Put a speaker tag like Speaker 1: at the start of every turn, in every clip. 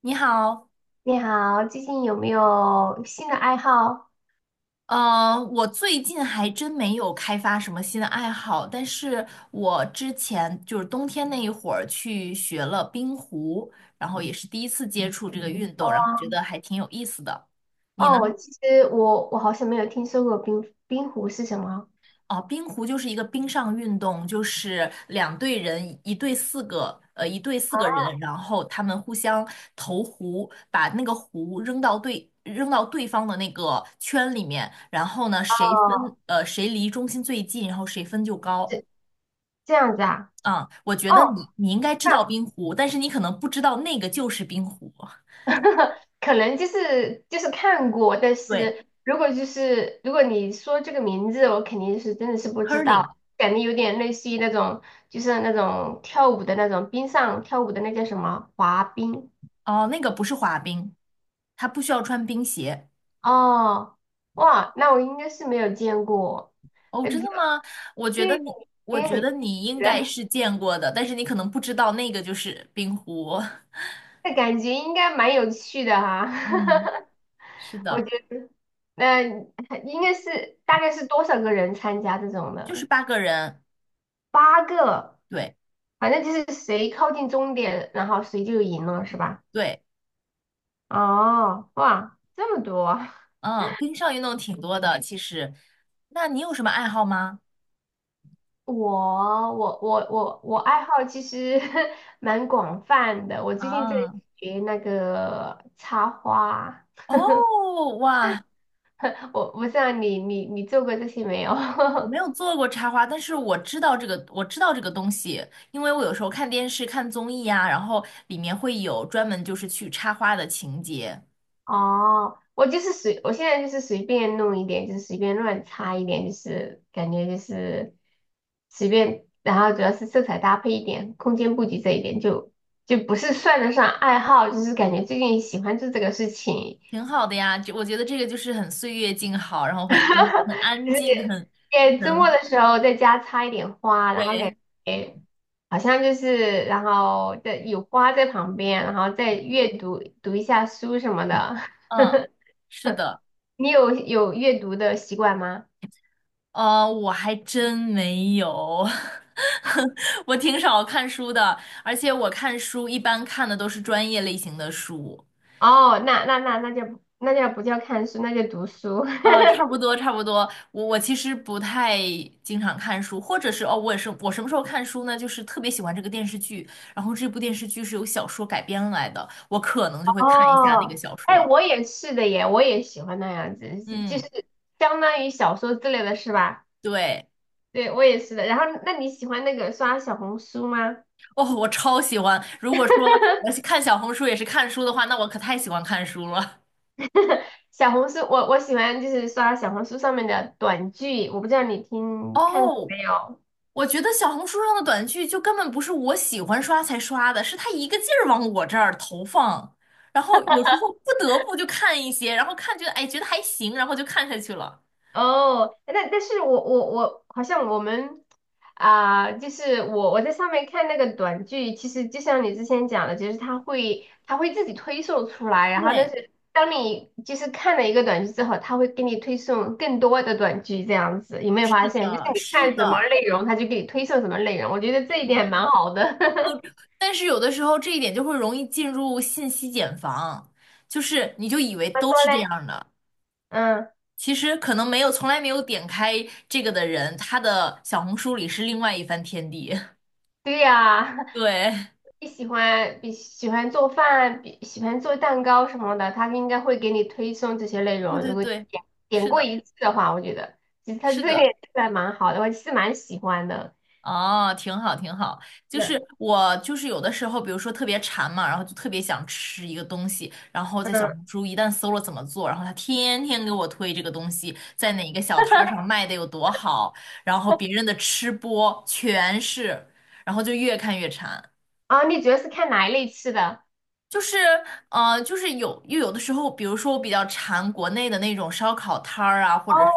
Speaker 1: 你好，
Speaker 2: 你好，最近有没有新的爱好？
Speaker 1: 我最近还真没有开发什么新的爱好，但是我之前就是冬天那一会儿去学了冰壶，然后也是第一次接触这个运
Speaker 2: 哦
Speaker 1: 动，然后觉
Speaker 2: 啊
Speaker 1: 得还挺有意思的。你呢？
Speaker 2: 哦，其实我好像没有听说过冰壶是什么。
Speaker 1: 哦，冰壶就是一个冰上运动，就是两队人，一队四个，呃，一队四个
Speaker 2: 哦，
Speaker 1: 人，然后他们互相投壶，把那个壶扔到对方的那个圈里面，然后呢，
Speaker 2: 哦，
Speaker 1: 谁离中心最近，然后谁分就高。
Speaker 2: 这这样子啊？
Speaker 1: 啊，我觉得
Speaker 2: 哦，
Speaker 1: 你应该知道冰壶，但是你可能不知道那个就是冰壶。
Speaker 2: 那 可能就是看过，但
Speaker 1: 对
Speaker 2: 是如果你说这个名字，我肯定是真的是不知
Speaker 1: ，curling,
Speaker 2: 道，感觉有点类似于那种就是那种跳舞的那种冰上跳舞的那叫什么滑冰？
Speaker 1: 哦，那个不是滑冰，它不需要穿冰鞋。
Speaker 2: 哦，哇，那我应该是没有见过。
Speaker 1: 哦，真
Speaker 2: 比。
Speaker 1: 的
Speaker 2: 这
Speaker 1: 吗？我觉得
Speaker 2: 对，
Speaker 1: 你，我
Speaker 2: 也很
Speaker 1: 觉得
Speaker 2: 新
Speaker 1: 你应
Speaker 2: 奇的，
Speaker 1: 该是见过的，但是你可能不知道那个就是冰壶。
Speaker 2: 这感觉应该蛮有趣的哈。
Speaker 1: 嗯，是
Speaker 2: 我
Speaker 1: 的，
Speaker 2: 觉得，那应该是大概是多少个人参加这种
Speaker 1: 就是
Speaker 2: 的？
Speaker 1: 八个人。
Speaker 2: 八个，
Speaker 1: 对
Speaker 2: 反正就是谁靠近终点，然后谁就赢了，是吧？
Speaker 1: 对，
Speaker 2: 哦，哇，这么多！
Speaker 1: 嗯，冰上运动挺多的，其实。那你有什么爱好吗？
Speaker 2: 我爱好其实 蛮广泛的，我最近在
Speaker 1: 啊，
Speaker 2: 学那个插花，
Speaker 1: 哦，哇，
Speaker 2: 我不知道你做过这些没有？
Speaker 1: 我没有 做过插花，但是我知道这个，我知道这个东西，因为我有时候看电视、看综艺啊，然后里面会有专门就是去插花的情节。
Speaker 2: 哦，我就是随，我现在就是随便弄一点，就是随便乱插一点，就是感觉就是随便，然后主要是色彩搭配一点，空间布局这一点就不是算得上爱好，就是感觉最近喜欢做这个事情，
Speaker 1: 挺好的呀，就我觉得这个就是很岁月静好，然后很 安
Speaker 2: 就是
Speaker 1: 静，很
Speaker 2: 也周末
Speaker 1: 很
Speaker 2: 的时候在家插一点花，然后感
Speaker 1: 对，
Speaker 2: 觉好像就是然后在有花在旁边，然后再阅读读一下书什么的，
Speaker 1: 嗯，是的，
Speaker 2: 你有阅读的习惯吗？
Speaker 1: 我还真没有，我挺少看书的，而且我看书一般看的都是专业类型的书，
Speaker 2: 哦，那就不叫看书，那就读书。
Speaker 1: 呃，差不多，我其实不太经常看书，或者是哦，我也是，我什么时候看书呢？就是特别喜欢这个电视剧，然后这部电视剧是由小说改编来的，我可能就 会看一下那个
Speaker 2: 哦，
Speaker 1: 小
Speaker 2: 哎，
Speaker 1: 说，
Speaker 2: 我也是的耶，我也喜欢那样子，就是
Speaker 1: 嗯。
Speaker 2: 相当于小说之类的是吧？
Speaker 1: 对，
Speaker 2: 对，我也是的。然后，那你喜欢那个刷小红书吗？
Speaker 1: 哦，我超喜欢。如果说 我看小红书也是看书的话，那我可太喜欢看书了。
Speaker 2: 小红书，我喜欢就是刷小红书上面的短剧，我不知道你 听看过
Speaker 1: 哦，
Speaker 2: 没有？
Speaker 1: 我觉得小红书上的短剧就根本不是我喜欢刷才刷的，是它一个劲儿往我这儿投放，然后有时候不得不就看一些，然后看觉得哎觉得还行，然后就看下去了。
Speaker 2: 哦，那但是我好像我们啊、就是我在上面看那个短剧，其实就像你之前讲的，就是它会自己推送出来，然后但
Speaker 1: 对，
Speaker 2: 是当你就是看了一个短剧之后，它会给你推送更多的短剧，这样子有没有
Speaker 1: 是
Speaker 2: 发现？就是
Speaker 1: 的，
Speaker 2: 你
Speaker 1: 是
Speaker 2: 看什么
Speaker 1: 的，
Speaker 2: 内容，它就给你推送什么内容，我觉得这
Speaker 1: 是
Speaker 2: 一点还
Speaker 1: 的。
Speaker 2: 蛮好的。
Speaker 1: 但是有的时候这一点就会容易进入信息茧房，就是你就以为
Speaker 2: 他
Speaker 1: 都
Speaker 2: 说
Speaker 1: 是
Speaker 2: 嘞，
Speaker 1: 这样的。
Speaker 2: 嗯，
Speaker 1: 其实可能没有从来没有点开这个的人，他的小红书里是另外一番天地。
Speaker 2: 对呀、
Speaker 1: 对，
Speaker 2: 你喜欢比喜欢做饭，比喜欢做蛋糕什么的，他应该会给你推送这些内
Speaker 1: 对
Speaker 2: 容。
Speaker 1: 对
Speaker 2: 如果你
Speaker 1: 对，
Speaker 2: 点点
Speaker 1: 是
Speaker 2: 过
Speaker 1: 的，
Speaker 2: 一次的话，我觉得其实他这
Speaker 1: 是
Speaker 2: 个也
Speaker 1: 的，
Speaker 2: 是还蛮好的，我是蛮喜欢的。
Speaker 1: 哦，挺好挺好。就
Speaker 2: 是，
Speaker 1: 是我就是有的时候，比如说特别馋嘛，然后就特别想吃一个东西，然后在小
Speaker 2: 嗯，
Speaker 1: 红书一旦搜了怎么做，然后他天天给我推这个东西在哪个小摊儿上 卖的有多好，然后别人的吃播全是，然后就越看越馋。
Speaker 2: 啊，你主要是看哪一类吃的？
Speaker 1: 就是有的时候，比如说我比较馋国内的那种烧烤摊儿啊，或
Speaker 2: 哦，
Speaker 1: 者说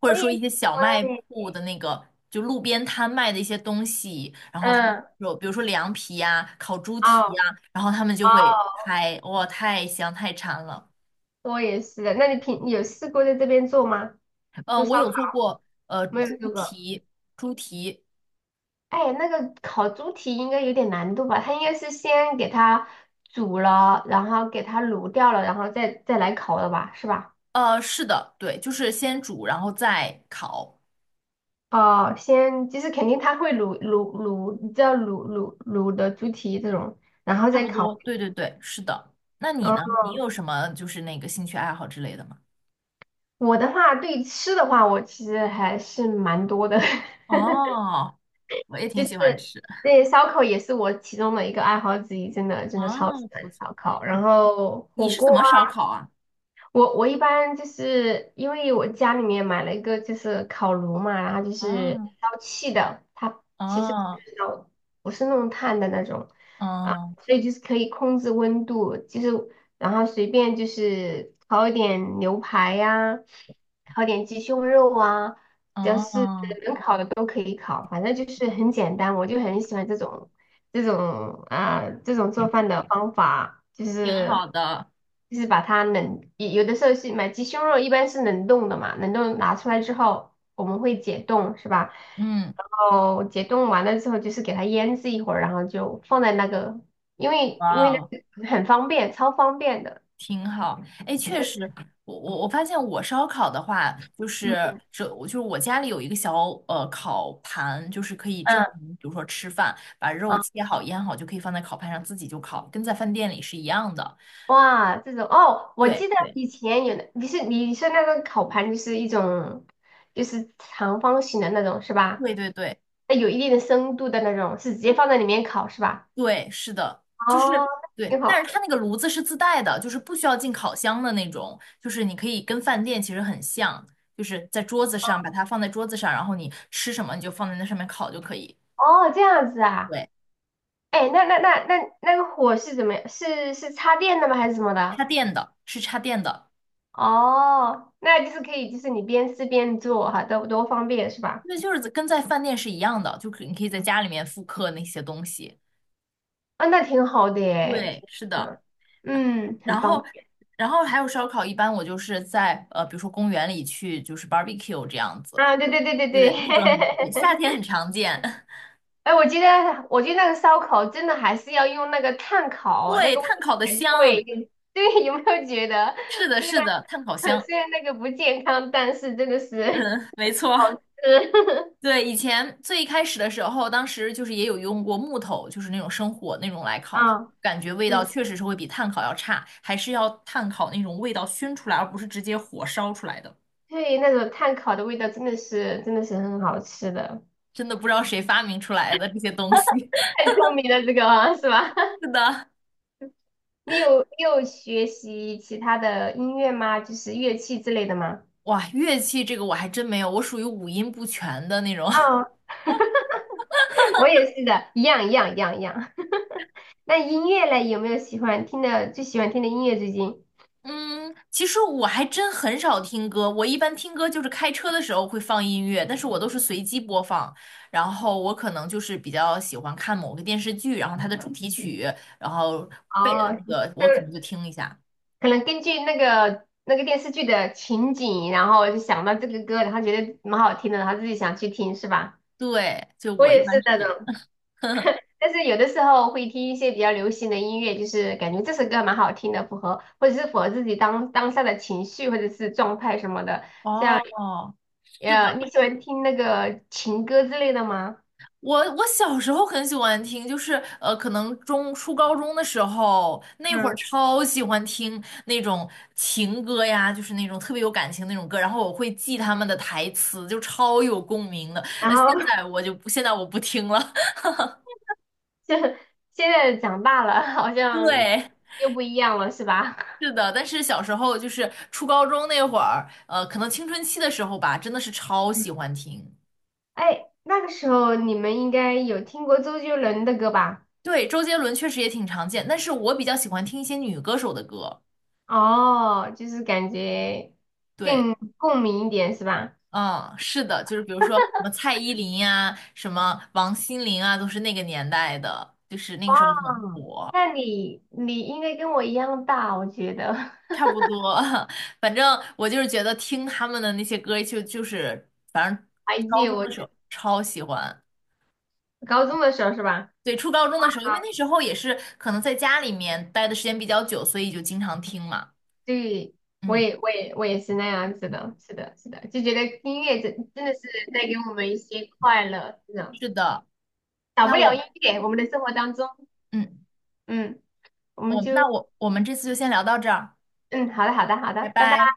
Speaker 1: 或者
Speaker 2: 我也
Speaker 1: 说一
Speaker 2: 喜
Speaker 1: 些小
Speaker 2: 欢
Speaker 1: 卖
Speaker 2: 诶。
Speaker 1: 铺的那个，就路边摊卖的一些东西，然后他们
Speaker 2: 嗯，
Speaker 1: 有比如说凉皮呀、烤猪蹄
Speaker 2: 哦，
Speaker 1: 呀、然后他们就会开，哇，太香太馋了。
Speaker 2: 我也是的。那你平你有试过在这边做吗？
Speaker 1: 嗯、
Speaker 2: 做
Speaker 1: 我
Speaker 2: 烧烤
Speaker 1: 有做过
Speaker 2: 没有
Speaker 1: 猪
Speaker 2: 做过？
Speaker 1: 蹄，猪蹄，
Speaker 2: 哎，那个烤猪蹄应该有点难度吧？它应该是先给它煮了，然后给它卤掉了，然后再来烤的吧，是吧？
Speaker 1: 呃，是的，对，就是先煮然后再烤，
Speaker 2: 哦，先就是肯定它会卤，你知道卤的猪蹄这种，然后
Speaker 1: 差
Speaker 2: 再
Speaker 1: 不
Speaker 2: 烤。
Speaker 1: 多，对对对，是的。那你
Speaker 2: 嗯，
Speaker 1: 呢？你有什么就是那个兴趣爱好之类的吗？
Speaker 2: 我的话对吃的话，我其实还是蛮多的，
Speaker 1: 哦，我也
Speaker 2: 就
Speaker 1: 挺喜欢
Speaker 2: 是
Speaker 1: 吃。
Speaker 2: 对烧烤也是我其中的一个爱好之一，真的真
Speaker 1: 啊，
Speaker 2: 的超级喜
Speaker 1: 不
Speaker 2: 欢
Speaker 1: 错。
Speaker 2: 烧烤，然
Speaker 1: 你
Speaker 2: 后
Speaker 1: 你
Speaker 2: 火
Speaker 1: 是
Speaker 2: 锅。
Speaker 1: 怎么
Speaker 2: 啊。
Speaker 1: 烧烤啊？
Speaker 2: 我一般就是因为我家里面买了一个就是烤炉嘛，然后就是
Speaker 1: 啊
Speaker 2: 烧气的，它其实不
Speaker 1: 哦
Speaker 2: 是烧不是弄炭的那种啊，
Speaker 1: 哦
Speaker 2: 所以就是可以控制温度，就是然后随便就是烤一点牛排呀、烤点鸡胸肉啊，只要是
Speaker 1: 哦，
Speaker 2: 都可以烤，反正就是很简单，我就很喜欢这种做饭的方法，就
Speaker 1: 挺好
Speaker 2: 是
Speaker 1: 的，
Speaker 2: 就是把它冷，有的时候是买鸡胸肉，一般是冷冻的嘛，冷冻拿出来之后我们会解冻，是吧？
Speaker 1: 嗯，
Speaker 2: 然后解冻完了之后就是给它腌制一会儿，然后就放在那个，因为
Speaker 1: 哇
Speaker 2: 因为那
Speaker 1: 哦
Speaker 2: 个很方便，超方便的。
Speaker 1: 挺好。哎，确实，我发现我烧烤的话，就是
Speaker 2: 嗯
Speaker 1: 这，我就是我家里有一个小烤盘，就是可以正常，
Speaker 2: 嗯
Speaker 1: 比如说吃饭，把肉
Speaker 2: 嗯。
Speaker 1: 切好腌好，就可以放在烤盘上自己就烤，跟在饭店里是一样的。
Speaker 2: 哇，这种哦，我
Speaker 1: 对
Speaker 2: 记得
Speaker 1: 对
Speaker 2: 以前有的，你是你说那个烤盘就是一种，就是长方形的那种是吧？
Speaker 1: 对对对，
Speaker 2: 那有一定的深度的那种，是直接放在里面烤是吧？
Speaker 1: 对，是的，
Speaker 2: 哦，挺
Speaker 1: 但
Speaker 2: 好
Speaker 1: 是它
Speaker 2: 的。
Speaker 1: 那个炉子是自带的，就是不需要进烤箱的那种，就是你可以跟饭店其实很像，就是在桌子上把它放在桌子上，然后你吃什么你就放在那上面烤就可以。
Speaker 2: 哦，这样子啊。
Speaker 1: 对，
Speaker 2: 哎，那那个火是怎么样？是是插电的吗？还是什么的？
Speaker 1: 插电的，是插电的，
Speaker 2: 哦，那就是可以，就是你边吃边做哈，多多方便是吧？
Speaker 1: 那就是跟在饭店是一样的，你可以在家里面复刻那些东西。
Speaker 2: 啊、那挺好的耶，
Speaker 1: 对，是
Speaker 2: 挺好
Speaker 1: 的，
Speaker 2: 的，嗯，很
Speaker 1: 然后。
Speaker 2: 方便。
Speaker 1: 然后还有烧烤，一般我就是在比如说公园里去，就是 barbecue 这样子，
Speaker 2: 啊，对对对对
Speaker 1: 对
Speaker 2: 对。
Speaker 1: 对，那种很夏 天很常见。
Speaker 2: 哎，我觉得那个烧烤真的还是要用那个炭烤，那
Speaker 1: 对，
Speaker 2: 个味
Speaker 1: 炭
Speaker 2: 道
Speaker 1: 烤的
Speaker 2: 才对。
Speaker 1: 香，
Speaker 2: 对，有没有觉得，
Speaker 1: 是的，
Speaker 2: 虽
Speaker 1: 是的，
Speaker 2: 然
Speaker 1: 炭烤 香，
Speaker 2: 虽然那个不健康，但是真的是
Speaker 1: 嗯，没错，
Speaker 2: 好吃。
Speaker 1: 对，以前最一开始的时候，当时就是也有用过木头，就是那种生火那种来烤，
Speaker 2: 啊，
Speaker 1: 感觉味道
Speaker 2: 嗯，
Speaker 1: 确实是会比炭烤要差，还是要炭烤那种味道熏出来，而不是直接火烧出来的。
Speaker 2: 对，那种炭烤的味道真的是真的是很好吃的。
Speaker 1: 真的不知道谁发明出来的这些东西。
Speaker 2: 太聪明了，这个啊是吧？
Speaker 1: 是 的，
Speaker 2: 你有学习其他的音乐吗？就是乐器之类的吗？
Speaker 1: 哇，乐器这个我还真没有，我属于五音不全的那种。
Speaker 2: 哦，我也是的，一样。那音乐嘞，有没有喜欢听的最喜欢听的音乐？最近？
Speaker 1: 嗯，其实我还真很少听歌，我一般听歌就是开车的时候会放音乐，但是我都是随机播放。然后我可能就是比较喜欢看某个电视剧，然后它的主题曲，然后背的
Speaker 2: 哦，
Speaker 1: 那
Speaker 2: 就
Speaker 1: 个我可能
Speaker 2: 是
Speaker 1: 就听一下。
Speaker 2: 可能根据那个电视剧的情景，然后就想到这个歌，然后觉得蛮好听的，然后自己想去听，是吧？
Speaker 1: 对，就
Speaker 2: 我
Speaker 1: 我一
Speaker 2: 也
Speaker 1: 般
Speaker 2: 是
Speaker 1: 是
Speaker 2: 那
Speaker 1: 这
Speaker 2: 种，
Speaker 1: 样。
Speaker 2: 但是有的时候会听一些比较流行的音乐，就是感觉这首歌蛮好听的，符合或者是符合自己当当下的情绪或者是状态什么的。像
Speaker 1: 哦，是的。
Speaker 2: 你喜欢听那个情歌之类的吗？
Speaker 1: 我小时候很喜欢听，就是可能中初高中的时候，那会儿
Speaker 2: 嗯，
Speaker 1: 超喜欢听那种情歌呀，就是那种特别有感情那种歌，然后我会记他们的台词，就超有共鸣的。
Speaker 2: 然
Speaker 1: 那现
Speaker 2: 后
Speaker 1: 在我就不，现在我不听了。
Speaker 2: 就现在长大了，好像
Speaker 1: 对，
Speaker 2: 又不一样了，是吧？
Speaker 1: 是的，但是小时候就是初高中那会儿，可能青春期的时候吧，真的是超喜欢听。
Speaker 2: 哎，那个时候你们应该有听过周杰伦的歌吧？
Speaker 1: 对，周杰伦确实也挺常见，但是我比较喜欢听一些女歌手的歌。
Speaker 2: 哦，就是感觉
Speaker 1: 对，
Speaker 2: 更共鸣一点是吧？
Speaker 1: 嗯，是的，就是比如说什么蔡依林呀、什么王心凌啊，都是那个年代的，就是那
Speaker 2: 哇，
Speaker 1: 个时候很火，
Speaker 2: 那你你应该跟我一样大，我觉得
Speaker 1: 差不多。反正我就是觉得听他们的那些歌就是，反正
Speaker 2: 还
Speaker 1: 高
Speaker 2: 记得，
Speaker 1: 中
Speaker 2: 我
Speaker 1: 的时候超喜欢。
Speaker 2: 高中的时候是吧？
Speaker 1: 对，初高中的时候，因为那时候也是可能在家里面待的时间比较久，所以就经常听嘛。
Speaker 2: 对，我
Speaker 1: 嗯，
Speaker 2: 也我也我也是那样子的，是的，是的，就觉得音乐真真的是带给我们一些快乐，是的，
Speaker 1: 是的。
Speaker 2: 少不
Speaker 1: 那
Speaker 2: 了音
Speaker 1: 我，
Speaker 2: 乐，我们的生活当中，
Speaker 1: 嗯，
Speaker 2: 嗯，我们
Speaker 1: 我那
Speaker 2: 就
Speaker 1: 我我们这次就先聊到这儿，
Speaker 2: 嗯，好的，好的，好
Speaker 1: 拜
Speaker 2: 的，拜拜。
Speaker 1: 拜。